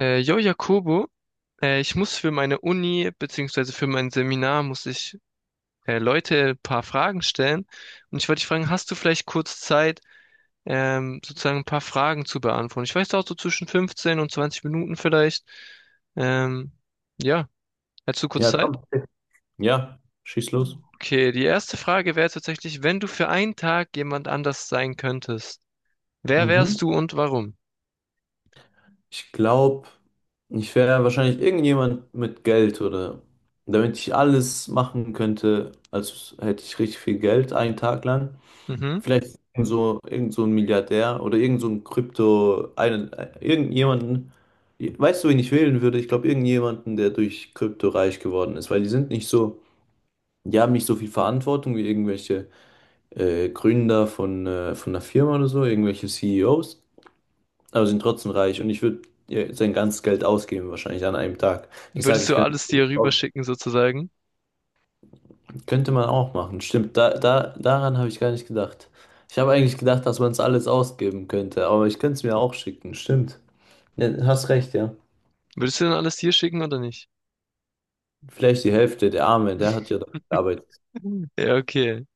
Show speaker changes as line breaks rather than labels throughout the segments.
Yo, Jakobo, ich muss für meine Uni beziehungsweise für mein Seminar muss ich Leute ein paar Fragen stellen. Und ich wollte dich fragen, hast du vielleicht kurz Zeit, sozusagen ein paar Fragen zu beantworten? Ich weiß da auch so zwischen 15 und 20 Minuten vielleicht. Ähm, ja, hättest du kurz
Ja,
Zeit?
komm. Ja, schieß los.
Okay, die erste Frage wäre tatsächlich, wenn du für einen Tag jemand anders sein könntest, wer
Mhm.
wärst du und warum?
Ich glaube, ich wäre wahrscheinlich irgendjemand mit Geld oder damit ich alles machen könnte, als hätte ich richtig viel Geld einen Tag lang.
Mhm.
Vielleicht so irgend so ein Milliardär oder irgend so ein Krypto, irgendjemanden, weißt du, wen ich wählen würde? Ich glaube, irgendjemanden, der durch Krypto reich geworden ist, weil die sind nicht so, die haben nicht so viel Verantwortung wie irgendwelche Gründer von einer Firma oder so, irgendwelche CEOs. Aber sind trotzdem reich und ich würde sein ganzes Geld ausgeben, wahrscheinlich an einem Tag. Ich sage,
Würdest du alles dir rüberschicken sozusagen?
könnte man auch machen. Stimmt, daran habe ich gar nicht gedacht. Ich habe eigentlich gedacht, dass man es alles ausgeben könnte, aber ich könnte es mir auch schicken. Stimmt. Ja, hast recht, ja.
Würdest du dann alles dir schicken oder nicht?
Vielleicht die Hälfte, der Arme, der hat ja dafür gearbeitet.
Ja, okay.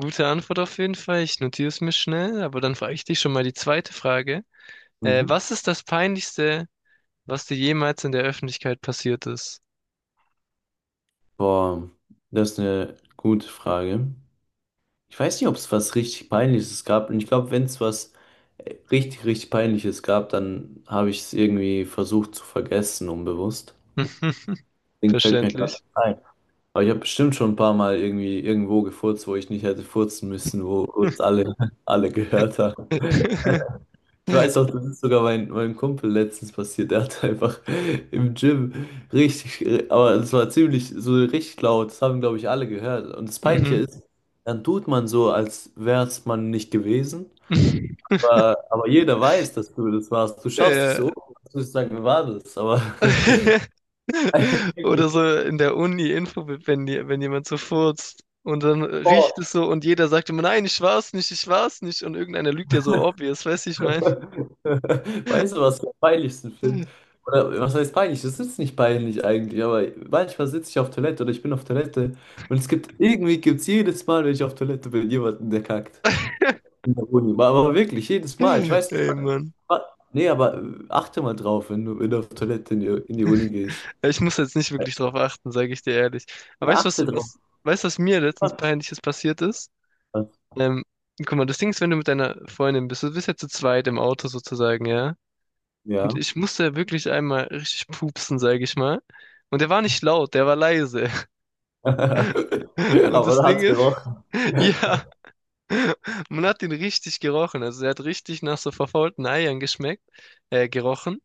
Gute Antwort auf jeden Fall. Ich notiere es mir schnell, aber dann frage ich dich schon mal die zweite Frage.
Mhm.
Was ist das Peinlichste, was dir jemals in der Öffentlichkeit passiert ist?
Boah, das ist eine gute Frage. Ich weiß nicht, ob es was richtig Peinliches gab. Und ich glaube, wenn es was richtig, richtig Peinliches gab, dann habe ich es irgendwie versucht zu vergessen, unbewusst. Deswegen fällt mir gerade
Verständlich.
ein. Aber ich habe bestimmt schon ein paar Mal irgendwie irgendwo gefurzt, wo ich nicht hätte furzen müssen, wo kurz alle, alle gehört haben. Ich weiß auch, das ist sogar meinem Kumpel letztens passiert. Der hat einfach im Gym richtig, aber es war ziemlich so richtig laut. Das haben, glaube ich, alle gehört. Und das Peinliche
Mhm.
ist, dann tut man so, als wäre es man nicht gewesen. Aber jeder weiß, dass du das warst. Du schaust dich
Ja.
so um, als würdest du sagen, wer war das? Aber
Oder so in der Uni-Info, wenn, wenn jemand so furzt und dann
oh,
riecht es so und jeder sagt immer, nein, ich war's nicht und irgendeiner lügt ja so obvious, weißt du, ich mein.
weißt du, was ich am peinlichsten finde? Oder was heißt peinlich? Das ist nicht peinlich eigentlich, aber manchmal sitze ich auf Toilette oder ich bin auf Toilette und es gibt irgendwie gibt's jedes Mal, wenn ich auf Toilette bin, jemanden, der kackt. In der Uni. Aber wirklich, jedes Mal. Ich
Ey,
weiß nicht.
Mann.
wa- Nee, aber achte mal drauf, wenn du auf Toilette in die Uni gehst.
Ja, ich muss jetzt nicht wirklich drauf achten, sage ich dir ehrlich. Aber
Ja,
weißt du,
achte drauf.
weißt du, was mir letztens Peinliches passiert ist? Ähm, guck mal, das Ding ist, wenn du mit deiner Freundin bist, du bist ja zu zweit im Auto sozusagen, ja? Und
Ja.
ich musste wirklich einmal richtig pupsen, sage ich mal. Und der war nicht laut, der war leise. Und
Aber
das
da
Ding
hat's
ist,
gerochen.
ja, man hat ihn richtig gerochen. Also er hat richtig nach so verfaulten Eiern geschmeckt, gerochen.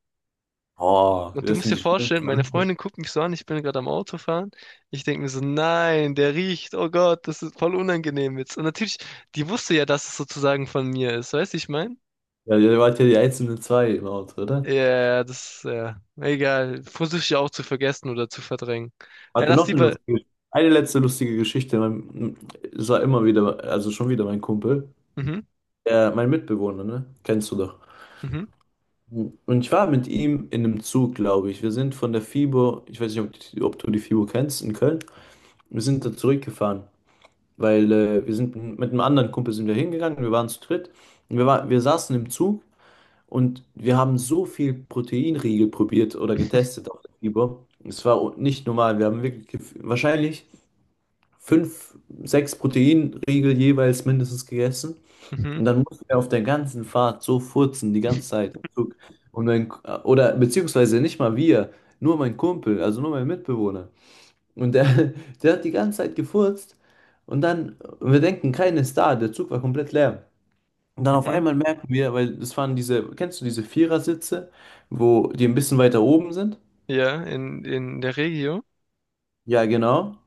Oh,
Und du
das
musst dir
sind die
vorstellen, meine
schlimmsten.
Freundin guckt mich so an, ich bin gerade am Autofahren. Ich denke mir so, nein, der riecht, oh Gott, das ist voll unangenehm jetzt. Und natürlich, die wusste ja, dass es sozusagen von mir ist, weißt du, ich meine?
Ja, ihr wart ja die einzelnen zwei im Auto.
Ja, das, ja, egal, versuche ich auch zu vergessen oder zu verdrängen. Ja,
Warte,
lass
noch eine
lieber,
lustige, eine letzte lustige Geschichte. Es war immer wieder, also schon wieder mein Kumpel,
mhm,
der, mein Mitbewohner, ne? Kennst du doch.
mhm,
Und ich war mit ihm in einem Zug, glaube ich. Wir sind von der FIBO, ich weiß nicht, ob, ob du die FIBO kennst, in Köln. Wir sind da zurückgefahren, weil wir sind mit einem anderen Kumpel sind wir hingegangen, wir waren zu dritt. Und wir saßen im Zug und wir haben so viel Proteinriegel probiert oder getestet auf der FIBO. Es war nicht normal. Wir haben wirklich, wahrscheinlich, fünf, sechs Proteinriegel jeweils mindestens gegessen.
mhm,
Und dann musst du ja auf der ganzen Fahrt so furzen, die ganze Zeit, im Zug. Und mein, oder beziehungsweise nicht mal wir, nur mein Kumpel, also nur mein Mitbewohner. Und der hat die ganze Zeit gefurzt. Und dann, und wir denken, keiner ist da, der Zug war komplett leer. Und dann auf
mhm,
einmal merken wir, weil das waren diese, kennst du diese Vierersitze, wo die ein bisschen weiter oben sind?
ja, in der Regio,
Ja, genau.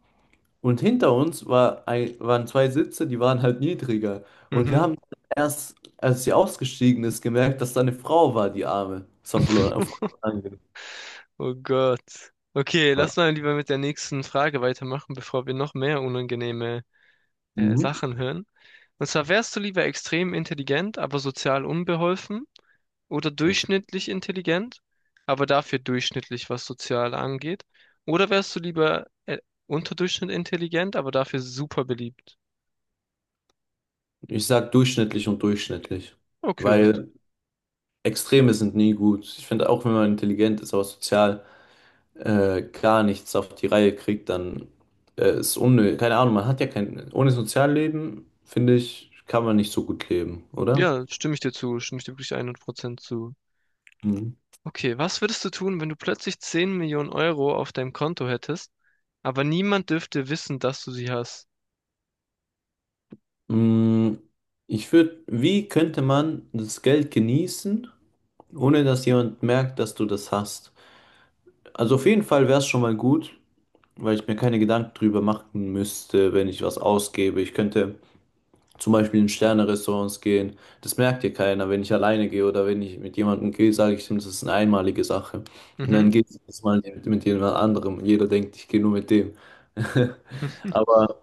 Und hinter uns waren zwei Sitze, die waren halt niedriger. Und wir
mhm,
haben erst, als sie ausgestiegen ist, gemerkt, dass da eine Frau war, die Arme. Das war voll voll.
oh Gott. Okay,
Ja.
lass mal lieber mit der nächsten Frage weitermachen, bevor wir noch mehr unangenehme
Mhm.
Sachen hören. Und zwar wärst du lieber extrem intelligent, aber sozial unbeholfen oder
Okay.
durchschnittlich intelligent, aber dafür durchschnittlich, was sozial angeht. Oder wärst du lieber unterdurchschnittlich intelligent, aber dafür super beliebt.
Ich sag durchschnittlich und durchschnittlich,
Okay, hört- sich-
weil Extreme sind nie gut. Ich finde, auch wenn man intelligent ist, aber sozial gar nichts auf die Reihe kriegt, dann ist unnötig. Keine Ahnung, man hat ja kein, ohne Sozialleben, finde ich, kann man nicht so gut leben, oder?
ja, stimme ich dir wirklich 100% zu.
Mhm.
Okay, was würdest du tun, wenn du plötzlich 10 Millionen Euro auf deinem Konto hättest, aber niemand dürfte wissen, dass du sie hast?
Mm, wie könnte man das Geld genießen, ohne dass jemand merkt, dass du das hast? Also auf jeden Fall wäre es schon mal gut, weil ich mir keine Gedanken drüber machen müsste, wenn ich was ausgebe. Ich könnte zum Beispiel in Sterne-Restaurants gehen. Das merkt dir keiner, wenn ich alleine gehe oder wenn ich mit jemandem gehe, sage ich ihm, das ist eine einmalige Sache. Und
Mhm.
dann geht es mal mit jemand anderem. Jeder denkt, ich gehe nur mit dem. Aber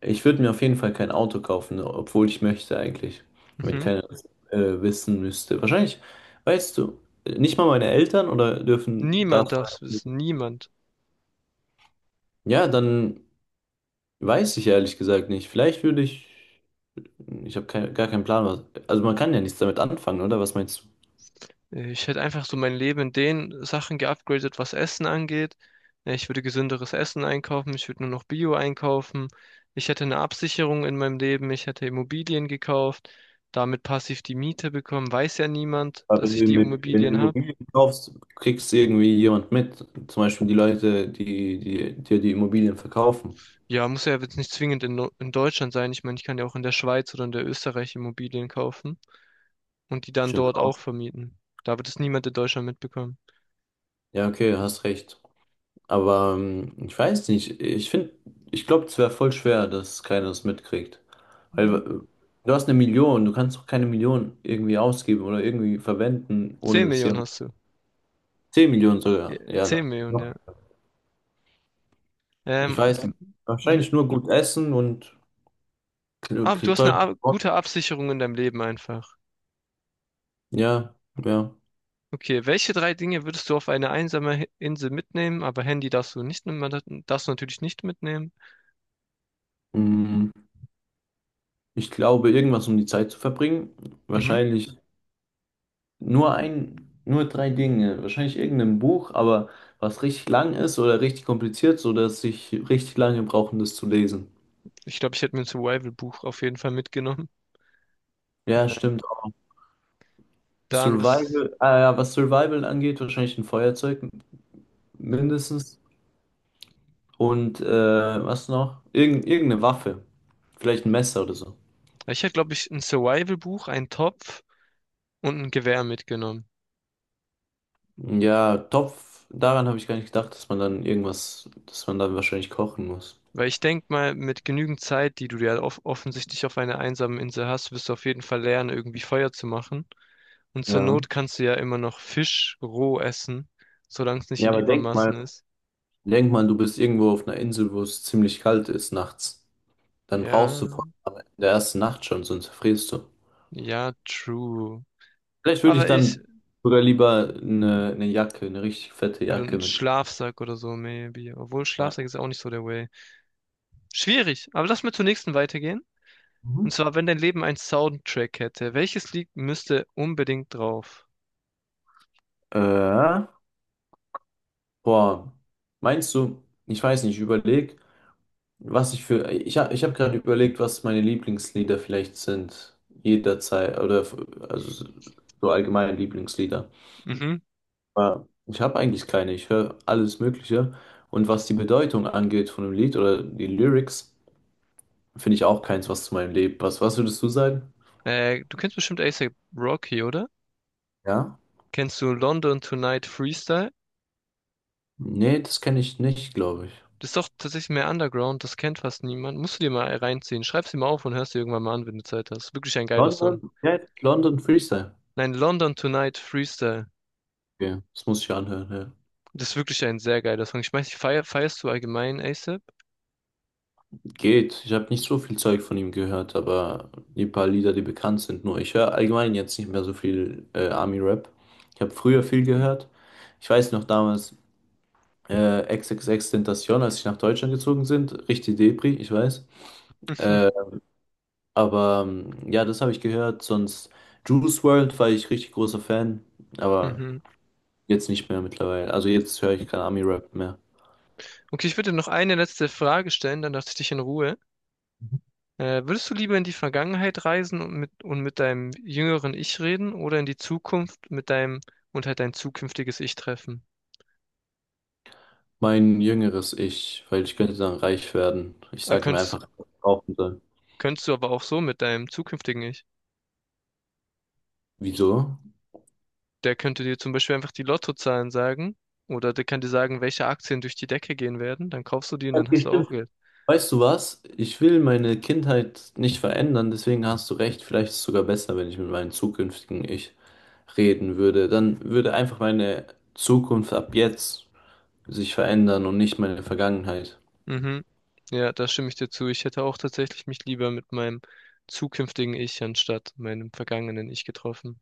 ich würde mir auf jeden Fall kein Auto kaufen, obwohl ich möchte eigentlich. Wenn
Mhm.
keiner das, wissen müsste. Wahrscheinlich, weißt du, nicht mal meine Eltern oder dürfen
Niemand
das.
darf es wissen, niemand.
Ja, dann weiß ich ehrlich gesagt nicht. Vielleicht würde ich. Ich habe kein, gar keinen Plan, was. Also man kann ja nichts damit anfangen, oder? Was meinst du?
Ich hätte einfach so mein Leben in den Sachen geupgradet, was Essen angeht. Ich würde gesünderes Essen einkaufen, ich würde nur noch Bio einkaufen. Ich hätte eine Absicherung in meinem Leben, ich hätte Immobilien gekauft, damit passiv die Miete bekommen. Weiß ja niemand,
Aber
dass ich die
Wenn du
Immobilien habe.
Immobilien kaufst, kriegst du irgendwie jemand mit. Zum Beispiel die Leute, die dir die Immobilien verkaufen.
Ja, muss ja jetzt nicht zwingend in, in Deutschland sein. Ich meine, ich kann ja auch in der Schweiz oder in der Österreich Immobilien kaufen und die dann
Stimmt
dort
auch.
auch vermieten. Da wird es niemand in Deutschland mitbekommen.
Ja, okay, hast recht. Aber ich weiß nicht, ich finde, ich glaube, es wäre voll schwer, dass keiner es mitkriegt. Weil
Mhm.
du hast eine Million, du kannst doch keine Million irgendwie ausgeben oder irgendwie verwenden, ohne
10
dass
Millionen
jemand.
hast du.
10 Millionen sogar, ja,
10
da.
Millionen, ja.
Ich
Ähm,
weiß nicht. Wahrscheinlich nur gut essen und
aber du hast
toll.
eine gute Absicherung in deinem Leben einfach.
Ja, ja.
Okay, welche drei Dinge würdest du auf eine einsame Insel mitnehmen? Aber Handy darfst du nicht, darfst du natürlich nicht mitnehmen.
Mm, Ich glaube, irgendwas um die Zeit zu verbringen.
Mhm.
Wahrscheinlich nur drei Dinge. Wahrscheinlich irgendein Buch, aber was richtig lang ist oder richtig kompliziert, sodass ich richtig lange brauche, um das zu lesen.
Ich glaube, ich hätte mir ein Survival-Buch auf jeden Fall mitgenommen.
Ja,
Ja.
stimmt auch.
Dann was?
Survival, ah ja, was Survival angeht, wahrscheinlich ein Feuerzeug mindestens. Und was noch? Irgendeine Waffe. Vielleicht ein Messer oder so.
Ich hätte, glaube ich, ein Survival-Buch, einen Topf und ein Gewehr mitgenommen.
Ja, Topf, daran habe ich gar nicht gedacht, dass man dann irgendwas, dass man dann wahrscheinlich kochen muss.
Weil ich denke mal, mit genügend Zeit, die du ja offensichtlich auf einer einsamen Insel hast, wirst du auf jeden Fall lernen, irgendwie Feuer zu machen. Und zur
Ja.
Not kannst du ja immer noch Fisch roh essen, solange es nicht
Ja,
in
aber
Übermaßen ist.
denk mal, du bist irgendwo auf einer Insel, wo es ziemlich kalt ist nachts. Dann brauchst du
Ja,
vor allem in der ersten Nacht schon, sonst frierst du.
ja, true.
Vielleicht würde ich
Aber ich,
dann sogar lieber eine Jacke, eine richtig fette
oder
Jacke
ein
mit.
Schlafsack oder so, maybe. Obwohl Schlafsack
Ja.
ist ja auch nicht so der Way. Schwierig, aber lass mal zur nächsten weitergehen. Und
Mhm.
zwar, wenn dein Leben einen Soundtrack hätte, welches Lied müsste unbedingt drauf?
Äh, boah, meinst du, ich weiß nicht, ich überleg, ich habe ich hab gerade überlegt, was meine Lieblingslieder vielleicht sind, jederzeit, oder, also so allgemeine Lieblingslieder.
Mhm.
Aber ich habe eigentlich keine, ich höre alles Mögliche. Und was die Bedeutung angeht von dem Lied oder die Lyrics, finde ich auch keins, was zu meinem Leben passt. Was würdest du sagen?
Du kennst bestimmt A$AP Rocky, oder?
Ja?
Kennst du London Tonight Freestyle?
Nee, das kenne ich nicht, glaube ich.
Das ist doch tatsächlich mehr Underground, das kennt fast niemand. Musst du dir mal reinziehen. Schreib's dir mal auf und hörst dir irgendwann mal an, wenn du Zeit hast. Wirklich ein geiler Song.
London? Ja, London Freestyle.
Nein, London Tonight Freestyle.
Okay, das muss ich anhören, ja.
Das ist wirklich ein sehr geiler Song. Ich weiß nicht, feierst du allgemein ASAP?
Geht. Ich habe nicht so viel Zeug von ihm gehört, aber die paar Lieder, die bekannt sind, nur ich höre allgemein jetzt nicht mehr so viel Army-Rap. Ich habe früher viel gehört. Ich weiß noch damals, XXXTentacion, als ich nach Deutschland gezogen sind, richtig Depri, ich weiß.
Mhm.
Äh, Aber ja, das habe ich gehört. Sonst Juice World war ich richtig großer Fan, aber
Mhm.
jetzt nicht mehr mittlerweile. Also jetzt höre ich kein Ami-Rap mehr.
Okay, ich würde noch eine letzte Frage stellen, dann lasse ich dich in Ruhe. Würdest du lieber in die Vergangenheit reisen und mit deinem jüngeren Ich reden oder in die Zukunft mit deinem und halt dein zukünftiges Ich treffen?
Mein jüngeres Ich, weil ich könnte dann reich werden. Ich
Äh,
sage ihm
könntest,
einfach, was ich kaufen soll.
könntest du aber auch so mit deinem zukünftigen Ich.
Wieso?
Der könnte dir zum Beispiel einfach die Lottozahlen sagen oder der kann dir sagen, welche Aktien durch die Decke gehen werden. Dann kaufst du die und dann hast
Okay,
du auch
stimmt.
Geld.
Weißt du was? Ich will meine Kindheit nicht verändern, deswegen hast du recht. Vielleicht ist es sogar besser, wenn ich mit meinem zukünftigen Ich reden würde. Dann würde einfach meine Zukunft ab jetzt sich verändern und nicht meine Vergangenheit.
Mhm. Ja, da stimme ich dir zu. Ich hätte auch tatsächlich mich lieber mit meinem zukünftigen Ich anstatt meinem vergangenen Ich getroffen.